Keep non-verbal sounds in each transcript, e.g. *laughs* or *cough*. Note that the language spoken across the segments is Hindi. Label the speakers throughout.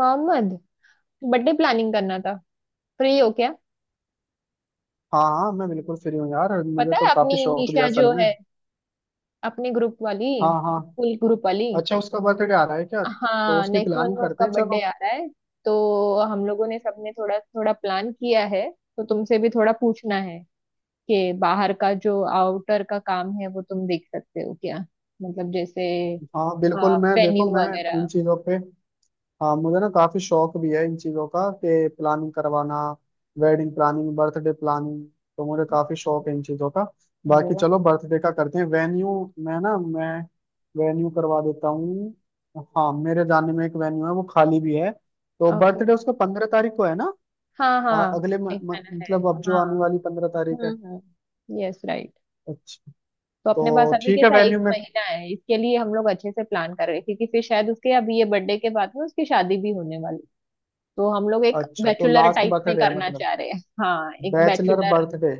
Speaker 1: मोहम्मद, बर्थडे प्लानिंग करना था। फ्री हो क्या?
Speaker 2: हाँ हाँ मैं बिल्कुल फ्री हूँ यार। मुझे
Speaker 1: पता
Speaker 2: तो
Speaker 1: है
Speaker 2: काफी
Speaker 1: अपनी
Speaker 2: शौक भी है
Speaker 1: निशा
Speaker 2: असल
Speaker 1: जो
Speaker 2: में।
Speaker 1: है, अपने ग्रुप वाली,
Speaker 2: हाँ हाँ।
Speaker 1: स्कूल ग्रुप वाली।
Speaker 2: अच्छा उसका बर्थडे आ रहा है क्या? तो
Speaker 1: हाँ,
Speaker 2: उसकी
Speaker 1: नेक्स्ट मंथ
Speaker 2: प्लानिंग
Speaker 1: में
Speaker 2: करते
Speaker 1: उसका
Speaker 2: हैं
Speaker 1: बर्थडे
Speaker 2: चलो।
Speaker 1: आ रहा है, तो हम लोगों ने सबने थोड़ा थोड़ा प्लान किया है। तो तुमसे भी थोड़ा पूछना है कि बाहर का जो आउटर का काम है वो तुम देख सकते हो क्या? मतलब जैसे
Speaker 2: हाँ बिल्कुल मैं देखो
Speaker 1: वेन्यू
Speaker 2: मैं इन
Speaker 1: वगैरह।
Speaker 2: चीजों पे। हाँ मुझे ना काफी शौक भी है इन चीजों का कि प्लानिंग करवाना। वेडिंग प्लानिंग, बर्थडे प्लानिंग, तो मुझे काफी शौक है इन चीजों का।
Speaker 1: अरे
Speaker 2: बाकी
Speaker 1: वाह।
Speaker 2: चलो बर्थडे का करते हैं। वेन्यू मैं ना मैं वेन्यू करवा देता हूँ। हाँ मेरे जानने में एक वेन्यू है, वो खाली भी है। तो
Speaker 1: ओके।
Speaker 2: बर्थडे उसका 15 तारीख को है ना।
Speaker 1: हाँ
Speaker 2: आ,
Speaker 1: हाँ,
Speaker 2: अगले म,
Speaker 1: एक
Speaker 2: म,
Speaker 1: मैंने है।
Speaker 2: मतलब अब जो
Speaker 1: हाँ।
Speaker 2: आने वाली 15 तारीख है।
Speaker 1: हम्म, यस राइट।
Speaker 2: अच्छा।
Speaker 1: तो
Speaker 2: तो
Speaker 1: अपने पास अभी
Speaker 2: ठीक है
Speaker 1: कैसा एक
Speaker 2: वेन्यू में।
Speaker 1: महीना है, इसके लिए हम लोग अच्छे से प्लान कर रहे हैं, क्योंकि फिर शायद उसके अभी ये बर्थडे के बाद में उसकी शादी भी होने वाली। तो हम लोग एक
Speaker 2: अच्छा तो
Speaker 1: बैचुलर
Speaker 2: लास्ट
Speaker 1: टाइप में
Speaker 2: बर्थडे है
Speaker 1: करना
Speaker 2: मतलब।
Speaker 1: चाह रहे हैं। हाँ, एक
Speaker 2: बैचलर
Speaker 1: बैचुलर।
Speaker 2: बर्थडे।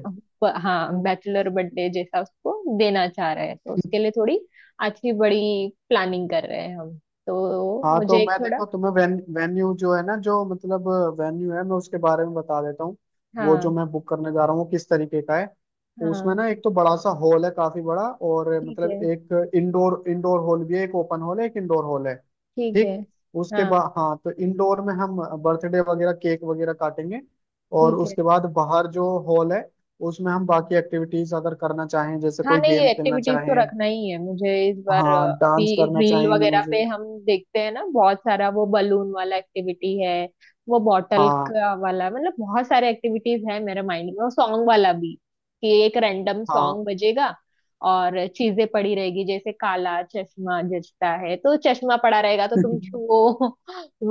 Speaker 1: हाँ, बैचुलर बर्थडे जैसा उसको देना चाह रहे हैं, तो उसके लिए थोड़ी अच्छी बड़ी प्लानिंग कर रहे हैं हम। तो
Speaker 2: हाँ तो
Speaker 1: मुझे एक
Speaker 2: मैं
Speaker 1: थोड़ा।
Speaker 2: देखो तुम्हें वेन्यू जो है ना जो मतलब वेन्यू है, मैं उसके बारे में बता देता हूँ। वो जो
Speaker 1: हाँ
Speaker 2: मैं बुक करने जा रहा हूँ वो किस तरीके का है। उसमें
Speaker 1: हाँ।
Speaker 2: ना एक तो बड़ा सा हॉल है, काफी बड़ा। और
Speaker 1: ठीक
Speaker 2: मतलब
Speaker 1: है,
Speaker 2: एक इंडोर इंडोर हॉल भी है। एक ओपन हॉल है, एक इंडोर हॉल है।
Speaker 1: ठीक है।
Speaker 2: ठीक। उसके
Speaker 1: हाँ।
Speaker 2: बाद हाँ, तो इंडोर में हम बर्थडे वगैरह, केक वगैरह काटेंगे। और
Speaker 1: ठीक है।
Speaker 2: उसके बाद बाहर जो हॉल है उसमें हम बाकी एक्टिविटीज अगर करना चाहें, जैसे
Speaker 1: हाँ
Speaker 2: कोई
Speaker 1: नहीं,
Speaker 2: गेम
Speaker 1: ये
Speaker 2: खेलना
Speaker 1: एक्टिविटीज तो
Speaker 2: चाहें,
Speaker 1: रखना ही है मुझे इस बार।
Speaker 2: हाँ डांस
Speaker 1: अभी
Speaker 2: करना
Speaker 1: रील
Speaker 2: चाहें,
Speaker 1: वगैरह पे
Speaker 2: म्यूजिक।
Speaker 1: हम देखते हैं ना, बहुत सारा वो बलून वाला एक्टिविटी है, वो बॉटल
Speaker 2: हाँ
Speaker 1: का वाला, मतलब बहुत सारे एक्टिविटीज है मेरे माइंड में, और सॉन्ग वाला भी कि एक रैंडम
Speaker 2: हाँ
Speaker 1: सॉन्ग बजेगा और चीजें पड़ी रहेगी, जैसे काला चश्मा जचता है तो चश्मा पड़ा रहेगा तो तुम छुओ *laughs*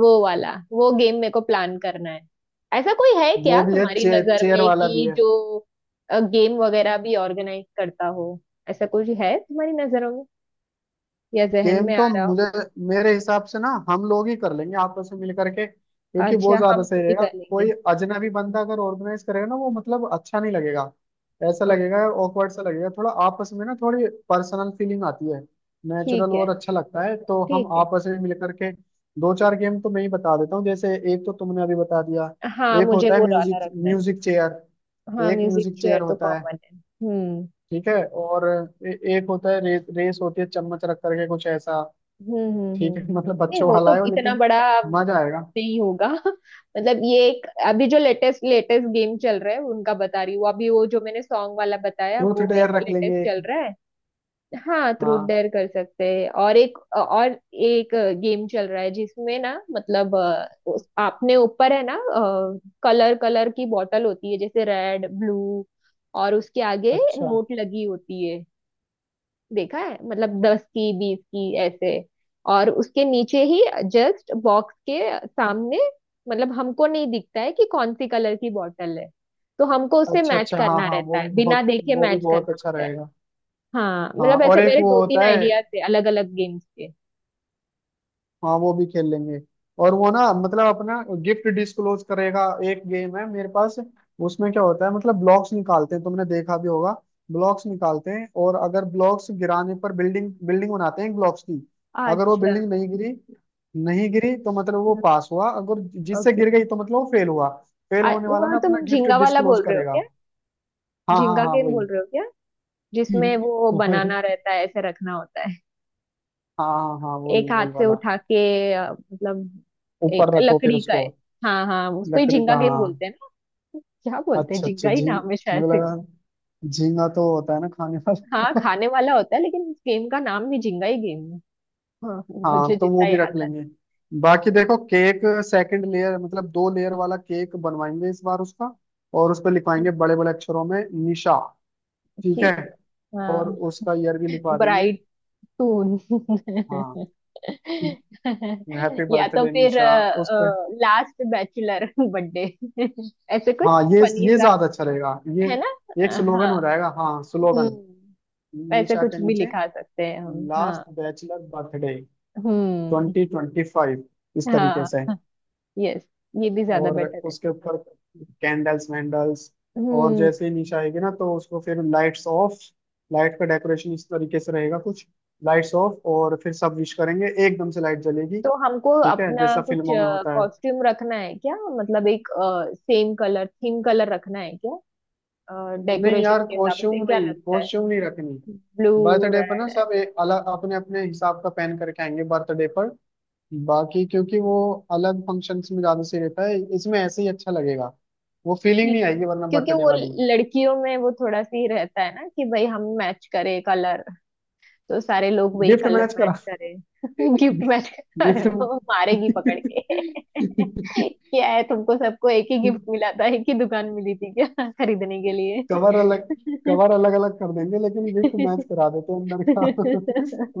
Speaker 1: वो वाला वो गेम मेरे को प्लान करना है। ऐसा कोई है
Speaker 2: वो
Speaker 1: क्या
Speaker 2: भी है,
Speaker 1: तुम्हारी
Speaker 2: चेयर
Speaker 1: नजर
Speaker 2: चेयर
Speaker 1: में
Speaker 2: वाला भी
Speaker 1: कि
Speaker 2: है।
Speaker 1: जो गेम वगैरह भी ऑर्गेनाइज करता हो? ऐसा कुछ है तुम्हारी नजरों में या जहन
Speaker 2: गेम
Speaker 1: में आ
Speaker 2: तो
Speaker 1: रहा हो?
Speaker 2: मुझे, मेरे हिसाब से ना, हम लोग ही कर लेंगे आपस में मिल करके, क्योंकि वो
Speaker 1: अच्छा,
Speaker 2: ज्यादा
Speaker 1: हम
Speaker 2: सही
Speaker 1: खुद ही
Speaker 2: रहेगा।
Speaker 1: कर
Speaker 2: कोई
Speaker 1: लेंगे।
Speaker 2: अजनबी बंदा अगर ऑर्गेनाइज करेगा ना, वो मतलब अच्छा नहीं लगेगा। ऐसा
Speaker 1: ओ,
Speaker 2: लगेगा, ऑकवर्ड सा लगेगा थोड़ा। आपस में ना थोड़ी पर्सनल फीलिंग आती है, नेचुरल
Speaker 1: ठीक है,
Speaker 2: और अच्छा लगता है, तो हम
Speaker 1: ठीक है।
Speaker 2: आपस में मिल करके। दो चार गेम तो मैं ही बता देता हूँ। जैसे एक तो तुमने अभी बता दिया।
Speaker 1: हाँ,
Speaker 2: एक
Speaker 1: मुझे
Speaker 2: होता है
Speaker 1: वो
Speaker 2: म्यूजिक
Speaker 1: वाला रखना है।
Speaker 2: Music chair.
Speaker 1: हाँ,
Speaker 2: एक
Speaker 1: म्यूजिक
Speaker 2: म्यूजिक चेयर
Speaker 1: चेयर तो
Speaker 2: होता है।
Speaker 1: कॉमन है।
Speaker 2: ठीक है और ए, एक होता है रेस होती है, चम्मच रख करके कुछ ऐसा।
Speaker 1: हम्म हम्म
Speaker 2: ठीक है,
Speaker 1: हम्म।
Speaker 2: मतलब
Speaker 1: नहीं,
Speaker 2: बच्चों
Speaker 1: वो
Speaker 2: वाला
Speaker 1: तो
Speaker 2: है वो,
Speaker 1: इतना
Speaker 2: लेकिन
Speaker 1: बड़ा
Speaker 2: मजा आएगा।
Speaker 1: नहीं होगा *laughs* मतलब ये एक अभी जो लेटेस्ट लेटेस्ट गेम चल रहा है उनका बता रही हूँ। अभी वो जो मैंने सॉन्ग वाला बताया
Speaker 2: ट्रूथ
Speaker 1: वो एक
Speaker 2: डेयर रख
Speaker 1: लेटेस्ट
Speaker 2: लेंगे एक।
Speaker 1: चल रहा है। हाँ, ट्रूथ
Speaker 2: हाँ।
Speaker 1: डेयर कर सकते हैं, और एक गेम चल रहा है जिसमें ना, मतलब आपने ऊपर है ना, कलर कलर की बॉटल होती है जैसे रेड ब्लू, और उसके आगे
Speaker 2: अच्छा
Speaker 1: नोट लगी होती है, देखा है? मतलब दस की बीस की ऐसे। और उसके नीचे ही, जस्ट बॉक्स के सामने, मतलब हमको नहीं दिखता है कि कौन सी कलर की बॉटल है, तो हमको उसे
Speaker 2: अच्छा
Speaker 1: मैच
Speaker 2: अच्छा। हाँ
Speaker 1: करना
Speaker 2: हाँ
Speaker 1: रहता
Speaker 2: वो
Speaker 1: है,
Speaker 2: भी
Speaker 1: बिना
Speaker 2: बहुत
Speaker 1: देखे
Speaker 2: वो भी
Speaker 1: मैच
Speaker 2: बहुत
Speaker 1: करना
Speaker 2: अच्छा
Speaker 1: होता है।
Speaker 2: रहेगा।
Speaker 1: हाँ,
Speaker 2: हाँ
Speaker 1: मतलब
Speaker 2: और
Speaker 1: ऐसे
Speaker 2: एक
Speaker 1: मेरे
Speaker 2: वो
Speaker 1: दो
Speaker 2: होता
Speaker 1: तीन
Speaker 2: है,
Speaker 1: आइडियाज थे अलग अलग गेम्स के।
Speaker 2: हाँ वो भी खेल लेंगे। और वो ना मतलब अपना गिफ्ट डिस्क्लोज करेगा। एक गेम है मेरे पास। उसमें क्या होता है, मतलब ब्लॉक्स निकालते हैं, तुमने देखा भी होगा। ब्लॉक्स निकालते हैं, और अगर ब्लॉक्स गिराने पर बिल्डिंग बिल्डिंग बनाते हैं ब्लॉक्स की। अगर वो
Speaker 1: अच्छा।
Speaker 2: बिल्डिंग नहीं गिरी, नहीं गिरी तो मतलब वो पास हुआ। अगर जिससे
Speaker 1: ओके।
Speaker 2: गिर गई तो मतलब वो फेल हुआ। फेल होने वाला
Speaker 1: वो
Speaker 2: ना अपना
Speaker 1: तुम
Speaker 2: गिफ्ट
Speaker 1: झिंगा वाला
Speaker 2: डिस्क्लोज
Speaker 1: बोल रहे हो
Speaker 2: करेगा।
Speaker 1: क्या?
Speaker 2: हाँ हाँ
Speaker 1: झिंगा
Speaker 2: हाँ
Speaker 1: गेम
Speaker 2: वही।
Speaker 1: बोल रहे हो क्या? जिसमें
Speaker 2: *laughs*
Speaker 1: वो
Speaker 2: वही।
Speaker 1: बनाना रहता है, ऐसे रखना होता है,
Speaker 2: हाँ हाँ हाँ वही
Speaker 1: एक हाथ
Speaker 2: वही
Speaker 1: से
Speaker 2: वाला।
Speaker 1: उठा के, मतलब एक
Speaker 2: ऊपर रखो फिर
Speaker 1: लकड़ी का है।
Speaker 2: उसको।
Speaker 1: हाँ हाँ, उसको ही
Speaker 2: लकड़ी
Speaker 1: झिंगा
Speaker 2: का
Speaker 1: गेम
Speaker 2: हाँ।
Speaker 1: बोलते हैं ना? क्या बोलते हैं,
Speaker 2: अच्छा अच्छा
Speaker 1: झिंगा ही
Speaker 2: झींग
Speaker 1: नाम है शायद
Speaker 2: मुझे
Speaker 1: से।
Speaker 2: लगा झींगा तो होता है ना खाने
Speaker 1: हाँ,
Speaker 2: वाला। *laughs*
Speaker 1: खाने वाला होता है, लेकिन इस गेम का नाम भी झिंगा ही गेम है। हाँ,
Speaker 2: हाँ
Speaker 1: मुझे
Speaker 2: तो वो
Speaker 1: जितना
Speaker 2: भी रख
Speaker 1: याद है।
Speaker 2: लेंगे। बाकी देखो केक सेकंड लेयर, मतलब 2 लेयर वाला केक बनवाएंगे इस बार उसका। और उस पर
Speaker 1: हम्म,
Speaker 2: लिखवाएंगे बड़े बड़े अक्षरों में निशा। ठीक है।
Speaker 1: ठीक है।
Speaker 2: और
Speaker 1: हाँ।
Speaker 2: उसका ईयर भी लिखवा देंगे।
Speaker 1: ब्राइड सून
Speaker 2: हाँ। हैप्पी
Speaker 1: *laughs* या तो
Speaker 2: बर्थडे
Speaker 1: फिर
Speaker 2: निशा उस पे।
Speaker 1: लास्ट बैचलर बर्थडे *laughs* ऐसे कुछ
Speaker 2: हाँ ये
Speaker 1: फनी
Speaker 2: ये
Speaker 1: सा,
Speaker 2: ज्यादा अच्छा रहेगा ये।
Speaker 1: है ना?
Speaker 2: एक स्लोगन
Speaker 1: हाँ।
Speaker 2: हो जाएगा, हाँ स्लोगन।
Speaker 1: हम्म। ऐसे
Speaker 2: निशा के
Speaker 1: कुछ भी
Speaker 2: नीचे
Speaker 1: लिखा सकते हैं हम, हाँ।
Speaker 2: लास्ट बैचलर बर्थडे,
Speaker 1: हम्म।
Speaker 2: 2025। इस तरीके
Speaker 1: हाँ।
Speaker 2: से।
Speaker 1: यस। ये भी ज्यादा
Speaker 2: और
Speaker 1: बेटर है।
Speaker 2: उसके ऊपर कैंडल्स वैंडल्स। और
Speaker 1: हम्म।
Speaker 2: जैसे ही निशा आएगी ना तो उसको फिर लाइट्स ऑफ। लाइट का डेकोरेशन इस तरीके से रहेगा कुछ। लाइट्स ऑफ और फिर सब विश करेंगे, एकदम से लाइट जलेगी।
Speaker 1: तो हमको
Speaker 2: ठीक है,
Speaker 1: अपना
Speaker 2: जैसा
Speaker 1: कुछ
Speaker 2: फिल्मों में होता है।
Speaker 1: कॉस्ट्यूम रखना है क्या? मतलब एक सेम कलर थीम कलर रखना है क्या?
Speaker 2: नहीं
Speaker 1: डेकोरेशन
Speaker 2: यार,
Speaker 1: के हिसाब से
Speaker 2: कॉस्ट्यूम
Speaker 1: क्या
Speaker 2: नहीं,
Speaker 1: लगता है?
Speaker 2: कॉस्ट्यूम नहीं रखनी।
Speaker 1: ब्लू।
Speaker 2: बर्थडे पर ना सब
Speaker 1: रेड।
Speaker 2: अलग अपने अपने हिसाब का पहन करके आएंगे बर्थडे पर। बाकी क्योंकि वो अलग फंक्शंस में ज्यादा सही रहता है। इसमें ऐसे ही अच्छा लगेगा। वो फीलिंग
Speaker 1: ठीक।
Speaker 2: नहीं आएगी वरना
Speaker 1: क्योंकि
Speaker 2: बर्थडे
Speaker 1: वो
Speaker 2: वाली।
Speaker 1: लड़कियों में वो थोड़ा सी रहता है ना कि भाई हम मैच करें कलर, तो सारे लोग वही
Speaker 2: गिफ्ट
Speaker 1: कलर
Speaker 2: मैच करा।
Speaker 1: मैच करें। *laughs* गिफ्ट मैच कर, अरे
Speaker 2: गिफ्ट।
Speaker 1: वो मारेगी पकड़ के। *laughs* क्या है तुमको, सबको एक ही गिफ्ट मिला था, एक ही दुकान मिली थी क्या *laughs* खरीदने के लिए?
Speaker 2: कवर अलग, कवर अलग अलग कर देंगे लेकिन गिफ्ट मैच करा देते हैं अंदर का।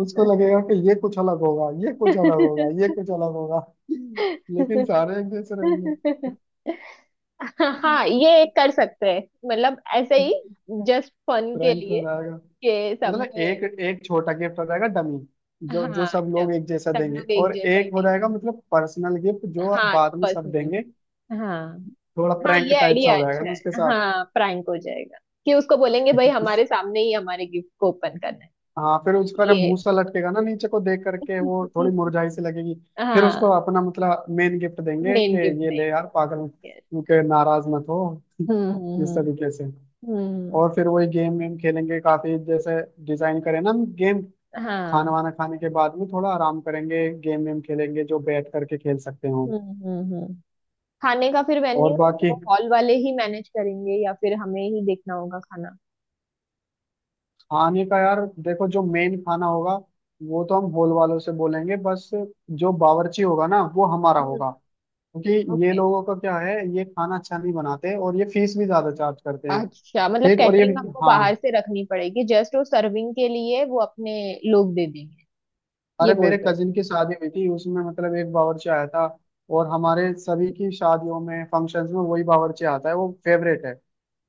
Speaker 2: *laughs* उसको लगेगा कि ये कुछ अलग होगा, ये कुछ अलग होगा, ये कुछ अलग होगा, लेकिन सारे एक जैसे रहेंगे।
Speaker 1: *laughs* हाँ, ये एक कर सकते हैं, मतलब ऐसे ही, जस्ट फन के
Speaker 2: प्रैंक
Speaker 1: लिए
Speaker 2: हो जाएगा।
Speaker 1: कि सब
Speaker 2: मतलब एक
Speaker 1: में।
Speaker 2: एक छोटा गिफ्ट हो जाएगा डमी, जो जो
Speaker 1: हाँ
Speaker 2: सब लोग
Speaker 1: सब,
Speaker 2: एक जैसा
Speaker 1: सब
Speaker 2: देंगे,
Speaker 1: लोग एक
Speaker 2: और
Speaker 1: जैसा ही
Speaker 2: एक हो
Speaker 1: नहीं।
Speaker 2: जाएगा मतलब पर्सनल गिफ्ट जो
Speaker 1: हाँ
Speaker 2: बाद में सब
Speaker 1: पर्सनल।
Speaker 2: देंगे।
Speaker 1: हाँ।
Speaker 2: थोड़ा
Speaker 1: हाँ,
Speaker 2: प्रैंक
Speaker 1: ये
Speaker 2: टाइप सा
Speaker 1: आइडिया
Speaker 2: हो जाएगा ना
Speaker 1: अच्छा
Speaker 2: उसके
Speaker 1: है।
Speaker 2: साथ।
Speaker 1: हाँ, प्रैंक हो जाएगा कि उसको बोलेंगे भाई हमारे सामने ही हमारे गिफ्ट को ओपन करना है।
Speaker 2: हाँ, फिर उसका जब
Speaker 1: ये
Speaker 2: मुंह सा लटकेगा ना नीचे को देख करके, वो थोड़ी
Speaker 1: *laughs*
Speaker 2: मुरझाई सी लगेगी। फिर उसको
Speaker 1: हाँ,
Speaker 2: अपना मतलब मेन गिफ्ट देंगे कि
Speaker 1: मेन गिफ्ट
Speaker 2: ये
Speaker 1: देंगे।
Speaker 2: ले यार पागल,
Speaker 1: Yes.
Speaker 2: के नाराज मत हो। *laughs*
Speaker 1: हम्म।
Speaker 2: इस
Speaker 1: हम्म
Speaker 2: तरीके से।
Speaker 1: हम्म,
Speaker 2: और फिर वही गेम वेम खेलेंगे काफी। जैसे डिजाइन करें ना हम गेम। खाना
Speaker 1: हाँ।
Speaker 2: वाना खाने के बाद में थोड़ा आराम करेंगे, गेम वेम खेलेंगे जो बैठ करके खेल सकते हो।
Speaker 1: हम्म हम्म। हम्म। खाने का फिर
Speaker 2: और
Speaker 1: वेन्यू,
Speaker 2: बाकी
Speaker 1: वो हॉल वाले ही मैनेज करेंगे या फिर हमें ही देखना होगा खाना?
Speaker 2: खाने का यार देखो, जो मेन खाना होगा वो तो हम हॉल वालों से बोलेंगे बस। जो बावर्ची होगा ना वो हमारा होगा। क्योंकि
Speaker 1: हम्म।
Speaker 2: ये लोगों का क्या है, ये खाना अच्छा नहीं बनाते, और ये फीस भी ज्यादा चार्ज करते हैं।
Speaker 1: अच्छा, मतलब
Speaker 2: ठीक और ये,
Speaker 1: कैटरिंग हमको बाहर
Speaker 2: हाँ।
Speaker 1: से रखनी पड़ेगी, जस्ट वो सर्विंग के लिए वो अपने लोग दे देंगे? ये
Speaker 2: अरे
Speaker 1: बोल
Speaker 2: मेरे
Speaker 1: रहे हो?
Speaker 2: कजिन की शादी हुई थी उसमें मतलब एक बावर्ची आया था। और हमारे सभी की शादियों में, फंक्शंस में वही बावर्ची आता है, वो फेवरेट है।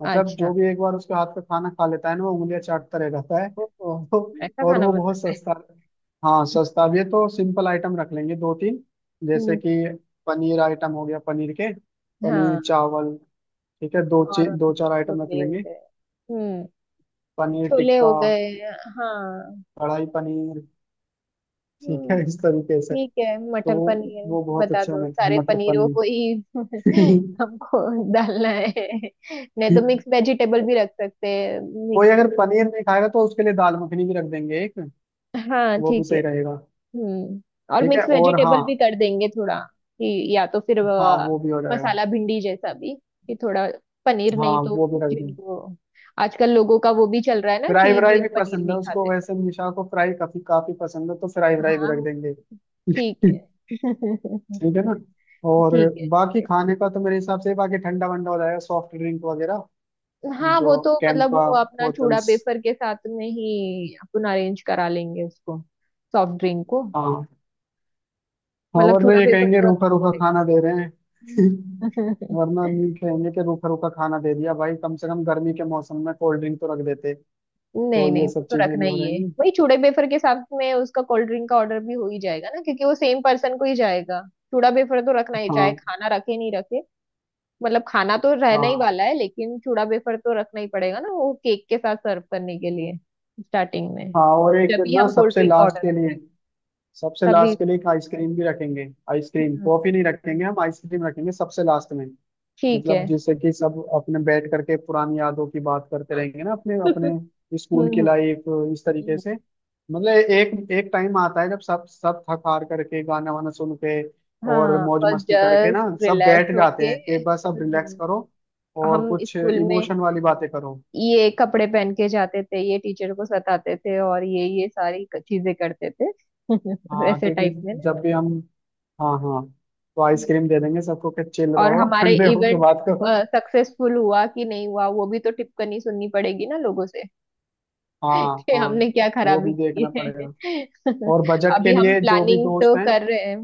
Speaker 2: मतलब
Speaker 1: अच्छा।
Speaker 2: जो भी एक बार उसके हाथ का खाना खा लेता है ना, वो उंगलियां चाटता रह जाता है।
Speaker 1: ओहो।
Speaker 2: तो।
Speaker 1: ऐसा
Speaker 2: और
Speaker 1: खाना
Speaker 2: वो
Speaker 1: बना।
Speaker 2: बहुत सस्ता। हाँ सस्ता भी है, तो सिंपल आइटम रख लेंगे दो तीन। जैसे
Speaker 1: हम्म।
Speaker 2: कि पनीर आइटम हो गया, पनीर के पनीर
Speaker 1: हाँ,
Speaker 2: चावल, ठीक है। दो
Speaker 1: और
Speaker 2: चे- दो
Speaker 1: अपने
Speaker 2: चार आइटम रख
Speaker 1: छोले हो
Speaker 2: लेंगे।
Speaker 1: गए। हम्म।
Speaker 2: पनीर
Speaker 1: छोले हो
Speaker 2: टिक्का,
Speaker 1: गए। हाँ।
Speaker 2: कढ़ाई पनीर, ठीक
Speaker 1: हम्म,
Speaker 2: है इस तरीके से।
Speaker 1: ठीक है,
Speaker 2: तो
Speaker 1: मटर
Speaker 2: वो
Speaker 1: पनीर।
Speaker 2: वो बहुत
Speaker 1: बता
Speaker 2: अच्छा
Speaker 1: दो
Speaker 2: मटर
Speaker 1: सारे
Speaker 2: मटर
Speaker 1: पनीरों को ही
Speaker 2: पनीर।
Speaker 1: *laughs*
Speaker 2: *laughs*
Speaker 1: हमको डालना है। नहीं तो मिक्स वेजिटेबल भी रख सकते हैं,
Speaker 2: कोई
Speaker 1: मिक्स।
Speaker 2: अगर पनीर नहीं खाएगा तो उसके लिए दाल मखनी भी रख देंगे एक,
Speaker 1: हाँ
Speaker 2: वो भी
Speaker 1: ठीक है।
Speaker 2: सही रहेगा।
Speaker 1: हम्म, और
Speaker 2: ठीक है
Speaker 1: मिक्स
Speaker 2: और हाँ,
Speaker 1: वेजिटेबल भी कर देंगे थोड़ा कि, या तो फिर
Speaker 2: हाँ वो भी हो जाएगा।
Speaker 1: मसाला भिंडी जैसा भी कि थोड़ा पनीर नहीं
Speaker 2: हाँ
Speaker 1: तो
Speaker 2: वो भी रख देंगे।
Speaker 1: जिनको, आजकल लोगों का वो भी चल रहा है ना
Speaker 2: फ्राई
Speaker 1: कि
Speaker 2: व्राई
Speaker 1: भाई
Speaker 2: भी
Speaker 1: पनीर
Speaker 2: पसंद है
Speaker 1: नहीं
Speaker 2: उसको
Speaker 1: खाते।
Speaker 2: वैसे, निशा को फ्राई काफी काफी पसंद है तो फ्राई व्राई भी
Speaker 1: हाँ
Speaker 2: रख
Speaker 1: वो-,
Speaker 2: देंगे।
Speaker 1: ठीक है।
Speaker 2: ठीक।
Speaker 1: *laughs*
Speaker 2: है ना। और
Speaker 1: ठीक है,
Speaker 2: बाकी
Speaker 1: चलेगा।
Speaker 2: खाने का तो मेरे हिसाब से, बाकी ठंडा वंडा हो जाएगा, सॉफ्ट ड्रिंक वगैरह,
Speaker 1: हाँ, वो
Speaker 2: जो
Speaker 1: तो मतलब
Speaker 2: कैंपा
Speaker 1: वो अपना चूड़ा
Speaker 2: बोतल्स।
Speaker 1: पेपर के साथ में ही अपन अरेंज करा लेंगे उसको, सॉफ्ट ड्रिंक को।
Speaker 2: हाँ, हाँ
Speaker 1: मतलब
Speaker 2: वरना
Speaker 1: चूड़ा
Speaker 2: ये
Speaker 1: पेपर
Speaker 2: कहेंगे
Speaker 1: तो रखना
Speaker 2: रूखा रूखा खाना दे रहे हैं।
Speaker 1: पड़ेगा।
Speaker 2: *laughs*
Speaker 1: *laughs*
Speaker 2: वरना न्यू कहेंगे कि रूखा रूखा खाना दे दिया भाई, कम से कम गर्मी के मौसम में कोल्ड ड्रिंक तो रख देते। तो
Speaker 1: नहीं नहीं,
Speaker 2: ये
Speaker 1: वो
Speaker 2: सब
Speaker 1: तो
Speaker 2: चीजें भी
Speaker 1: रखना
Speaker 2: हो
Speaker 1: ही है।
Speaker 2: जाएंगी।
Speaker 1: वही चूड़े बेफर के साथ में उसका कोल्ड ड्रिंक का ऑर्डर भी हो ही जाएगा ना, क्योंकि वो सेम पर्सन को ही जाएगा। चूड़ा बेफर तो रखना ही, चाहे
Speaker 2: हाँ
Speaker 1: खाना रखे नहीं रखे। मतलब खाना तो रहना ही
Speaker 2: हाँ
Speaker 1: वाला है, लेकिन चूड़ा बेफर तो रखना ही पड़ेगा ना, वो केक के साथ सर्व करने के लिए, स्टार्टिंग में,
Speaker 2: हाँ। और एक
Speaker 1: जब भी
Speaker 2: ना
Speaker 1: हम कोल्ड
Speaker 2: सबसे
Speaker 1: ड्रिंक का
Speaker 2: लास्ट
Speaker 1: ऑर्डर
Speaker 2: के लिए,
Speaker 1: करेंगे
Speaker 2: सबसे
Speaker 1: तभी।
Speaker 2: लास्ट के लिए एक आइसक्रीम भी रखेंगे। आइसक्रीम,
Speaker 1: हम्म,
Speaker 2: कॉफी नहीं रखेंगे हम, आइसक्रीम रखेंगे सबसे लास्ट में।
Speaker 1: ठीक है।
Speaker 2: मतलब जैसे कि सब अपने बैठ करके पुरानी यादों की बात करते रहेंगे ना, अपने
Speaker 1: *laughs*
Speaker 2: अपने स्कूल की
Speaker 1: हम्म हम्म।
Speaker 2: लाइफ, इस तरीके
Speaker 1: हम्म,
Speaker 2: से। मतलब एक एक टाइम आता है जब सब सब थक हार करके, गाना वाना सुन के और
Speaker 1: हाँ
Speaker 2: मौज
Speaker 1: बस,
Speaker 2: मस्ती करके
Speaker 1: जस्ट
Speaker 2: ना, सब
Speaker 1: रिलैक्स
Speaker 2: बैठ जाते
Speaker 1: होके।
Speaker 2: हैं कि बस अब रिलैक्स
Speaker 1: हम्म,
Speaker 2: करो और
Speaker 1: हम
Speaker 2: कुछ
Speaker 1: स्कूल में
Speaker 2: इमोशन वाली बातें करो।
Speaker 1: ये कपड़े पहन के जाते थे, ये टीचर को सताते थे, और ये सारी चीजें करते थे, *laughs*
Speaker 2: हाँ
Speaker 1: वैसे
Speaker 2: क्योंकि
Speaker 1: टाइप में ना।
Speaker 2: जब भी हम, हाँ हाँ तो
Speaker 1: हम्म।
Speaker 2: आइसक्रीम दे देंगे सबको कि चिल
Speaker 1: और
Speaker 2: रहो, *laughs*
Speaker 1: हमारे
Speaker 2: ठंडे होके
Speaker 1: इवेंट
Speaker 2: बात करो।
Speaker 1: सक्सेसफुल हुआ कि नहीं हुआ, वो भी तो टिप्पणी सुननी पड़ेगी ना लोगों से
Speaker 2: हाँ
Speaker 1: *laughs* कि
Speaker 2: हाँ
Speaker 1: हमने क्या
Speaker 2: वो
Speaker 1: खराबी
Speaker 2: भी देखना
Speaker 1: की है।
Speaker 2: पड़ेगा। और
Speaker 1: *laughs*
Speaker 2: बजट के
Speaker 1: अभी हम
Speaker 2: लिए जो भी
Speaker 1: प्लानिंग
Speaker 2: दोस्त
Speaker 1: तो
Speaker 2: हैं,
Speaker 1: कर रहे हैं।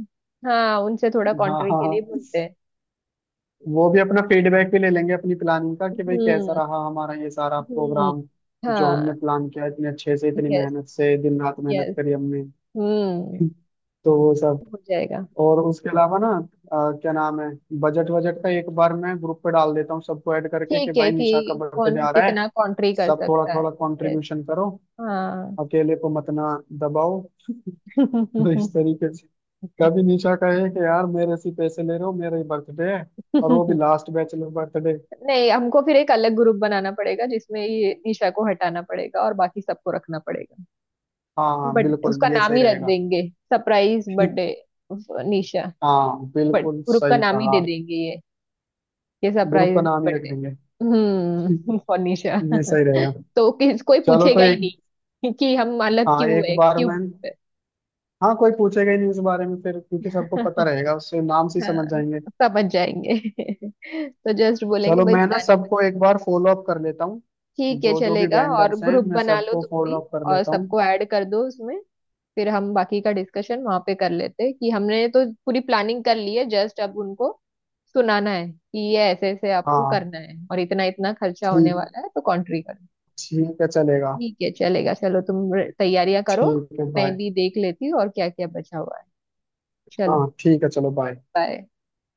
Speaker 1: हाँ, उनसे थोड़ा
Speaker 2: हाँ
Speaker 1: कॉन्ट्री
Speaker 2: हाँ
Speaker 1: के लिए
Speaker 2: हाँ।
Speaker 1: बोलते हैं।
Speaker 2: वो भी अपना फीडबैक भी ले लेंगे अपनी प्लानिंग का कि भाई कैसा
Speaker 1: हम्म
Speaker 2: रहा हमारा ये सारा
Speaker 1: हम्म।
Speaker 2: प्रोग्राम जो
Speaker 1: हाँ
Speaker 2: हमने प्लान किया, इतने अच्छे से, इतनी
Speaker 1: यस,
Speaker 2: मेहनत से, दिन रात मेहनत
Speaker 1: यस।
Speaker 2: करी हमने।
Speaker 1: हम्म,
Speaker 2: तो वो सब।
Speaker 1: हो जाएगा।
Speaker 2: और उसके अलावा ना, क्या नाम है, बजट वजट का एक बार मैं ग्रुप पे डाल देता हूँ, सबको ऐड करके कि
Speaker 1: ठीक है,
Speaker 2: भाई निशा का
Speaker 1: कि
Speaker 2: बर्थडे
Speaker 1: कौन
Speaker 2: आ रहा
Speaker 1: कितना
Speaker 2: है,
Speaker 1: कंट्री कर
Speaker 2: सब थोड़ा
Speaker 1: सकता है।
Speaker 2: थोड़ा
Speaker 1: यस।
Speaker 2: कंट्रीब्यूशन करो,
Speaker 1: हाँ।
Speaker 2: अकेले को मत ना दबाओ। तो इस तरीके से। कभी
Speaker 1: *laughs*
Speaker 2: निशा कहे कि यार मेरे से पैसे ले रहे हो, मेरा ही बर्थडे है, और वो भी लास्ट बैचलर बर्थडे।
Speaker 1: नहीं, हमको फिर एक अलग ग्रुप बनाना पड़ेगा जिसमें ये निशा को हटाना पड़ेगा और बाकी सबको रखना पड़ेगा।
Speaker 2: हाँ हाँ
Speaker 1: बट
Speaker 2: बिल्कुल
Speaker 1: उसका
Speaker 2: ये
Speaker 1: नाम
Speaker 2: सही
Speaker 1: ही रख
Speaker 2: रहेगा।
Speaker 1: देंगे, सरप्राइज
Speaker 2: *laughs*
Speaker 1: बर्थडे
Speaker 2: ठीक।
Speaker 1: निशा।
Speaker 2: हाँ
Speaker 1: बट
Speaker 2: बिल्कुल
Speaker 1: ग्रुप का
Speaker 2: सही
Speaker 1: नाम ही
Speaker 2: कहा।
Speaker 1: दे देंगे ये
Speaker 2: ग्रुप का
Speaker 1: सरप्राइज
Speaker 2: नाम ही रख
Speaker 1: बर्थडे।
Speaker 2: देंगे। *laughs*
Speaker 1: हम्म, फॉर निशा।
Speaker 2: ये सही रहेगा।
Speaker 1: *laughs* तो किस, कोई
Speaker 2: चलो तो
Speaker 1: पूछेगा ही
Speaker 2: एक,
Speaker 1: नहीं कि हम अलग
Speaker 2: हाँ
Speaker 1: क्यों
Speaker 2: एक
Speaker 1: है,
Speaker 2: बार
Speaker 1: क्यों
Speaker 2: में,
Speaker 1: group
Speaker 2: हाँ कोई पूछेगा ही नहीं इस बारे में फिर, क्योंकि सबको
Speaker 1: है।
Speaker 2: पता
Speaker 1: *laughs*
Speaker 2: रहेगा, उससे नाम से ही समझ
Speaker 1: हाँ,
Speaker 2: जाएंगे।
Speaker 1: समझ जाएंगे। *laughs* तो जस्ट बोलेंगे
Speaker 2: चलो
Speaker 1: भाई
Speaker 2: मैं ना
Speaker 1: प्लानिंग,
Speaker 2: सबको एक बार फॉलो अप कर लेता हूँ।
Speaker 1: ठीक है
Speaker 2: जो जो भी
Speaker 1: चलेगा। और
Speaker 2: वेंडर्स हैं
Speaker 1: ग्रुप
Speaker 2: मैं
Speaker 1: बना लो
Speaker 2: सबको
Speaker 1: तुम भी,
Speaker 2: फॉलो अप कर
Speaker 1: और
Speaker 2: लेता हूँ।
Speaker 1: सबको ऐड कर दो उसमें। फिर हम बाकी का डिस्कशन वहां पे कर लेते हैं कि हमने तो पूरी प्लानिंग कर ली है, जस्ट अब उनको सुनाना है कि ये ऐसे ऐसे आपको
Speaker 2: हाँ
Speaker 1: करना है और इतना इतना खर्चा होने
Speaker 2: ठीक।
Speaker 1: वाला है तो कॉन्ट्री करो।
Speaker 2: ठीक है चलेगा।
Speaker 1: ठीक है चलेगा, चलो तुम तैयारियां करो।
Speaker 2: ठीक है
Speaker 1: मैं
Speaker 2: बाय।
Speaker 1: भी देख लेती हूँ और क्या क्या बचा हुआ है।
Speaker 2: हाँ
Speaker 1: चलो,
Speaker 2: ठीक है चलो बाय।
Speaker 1: बाय।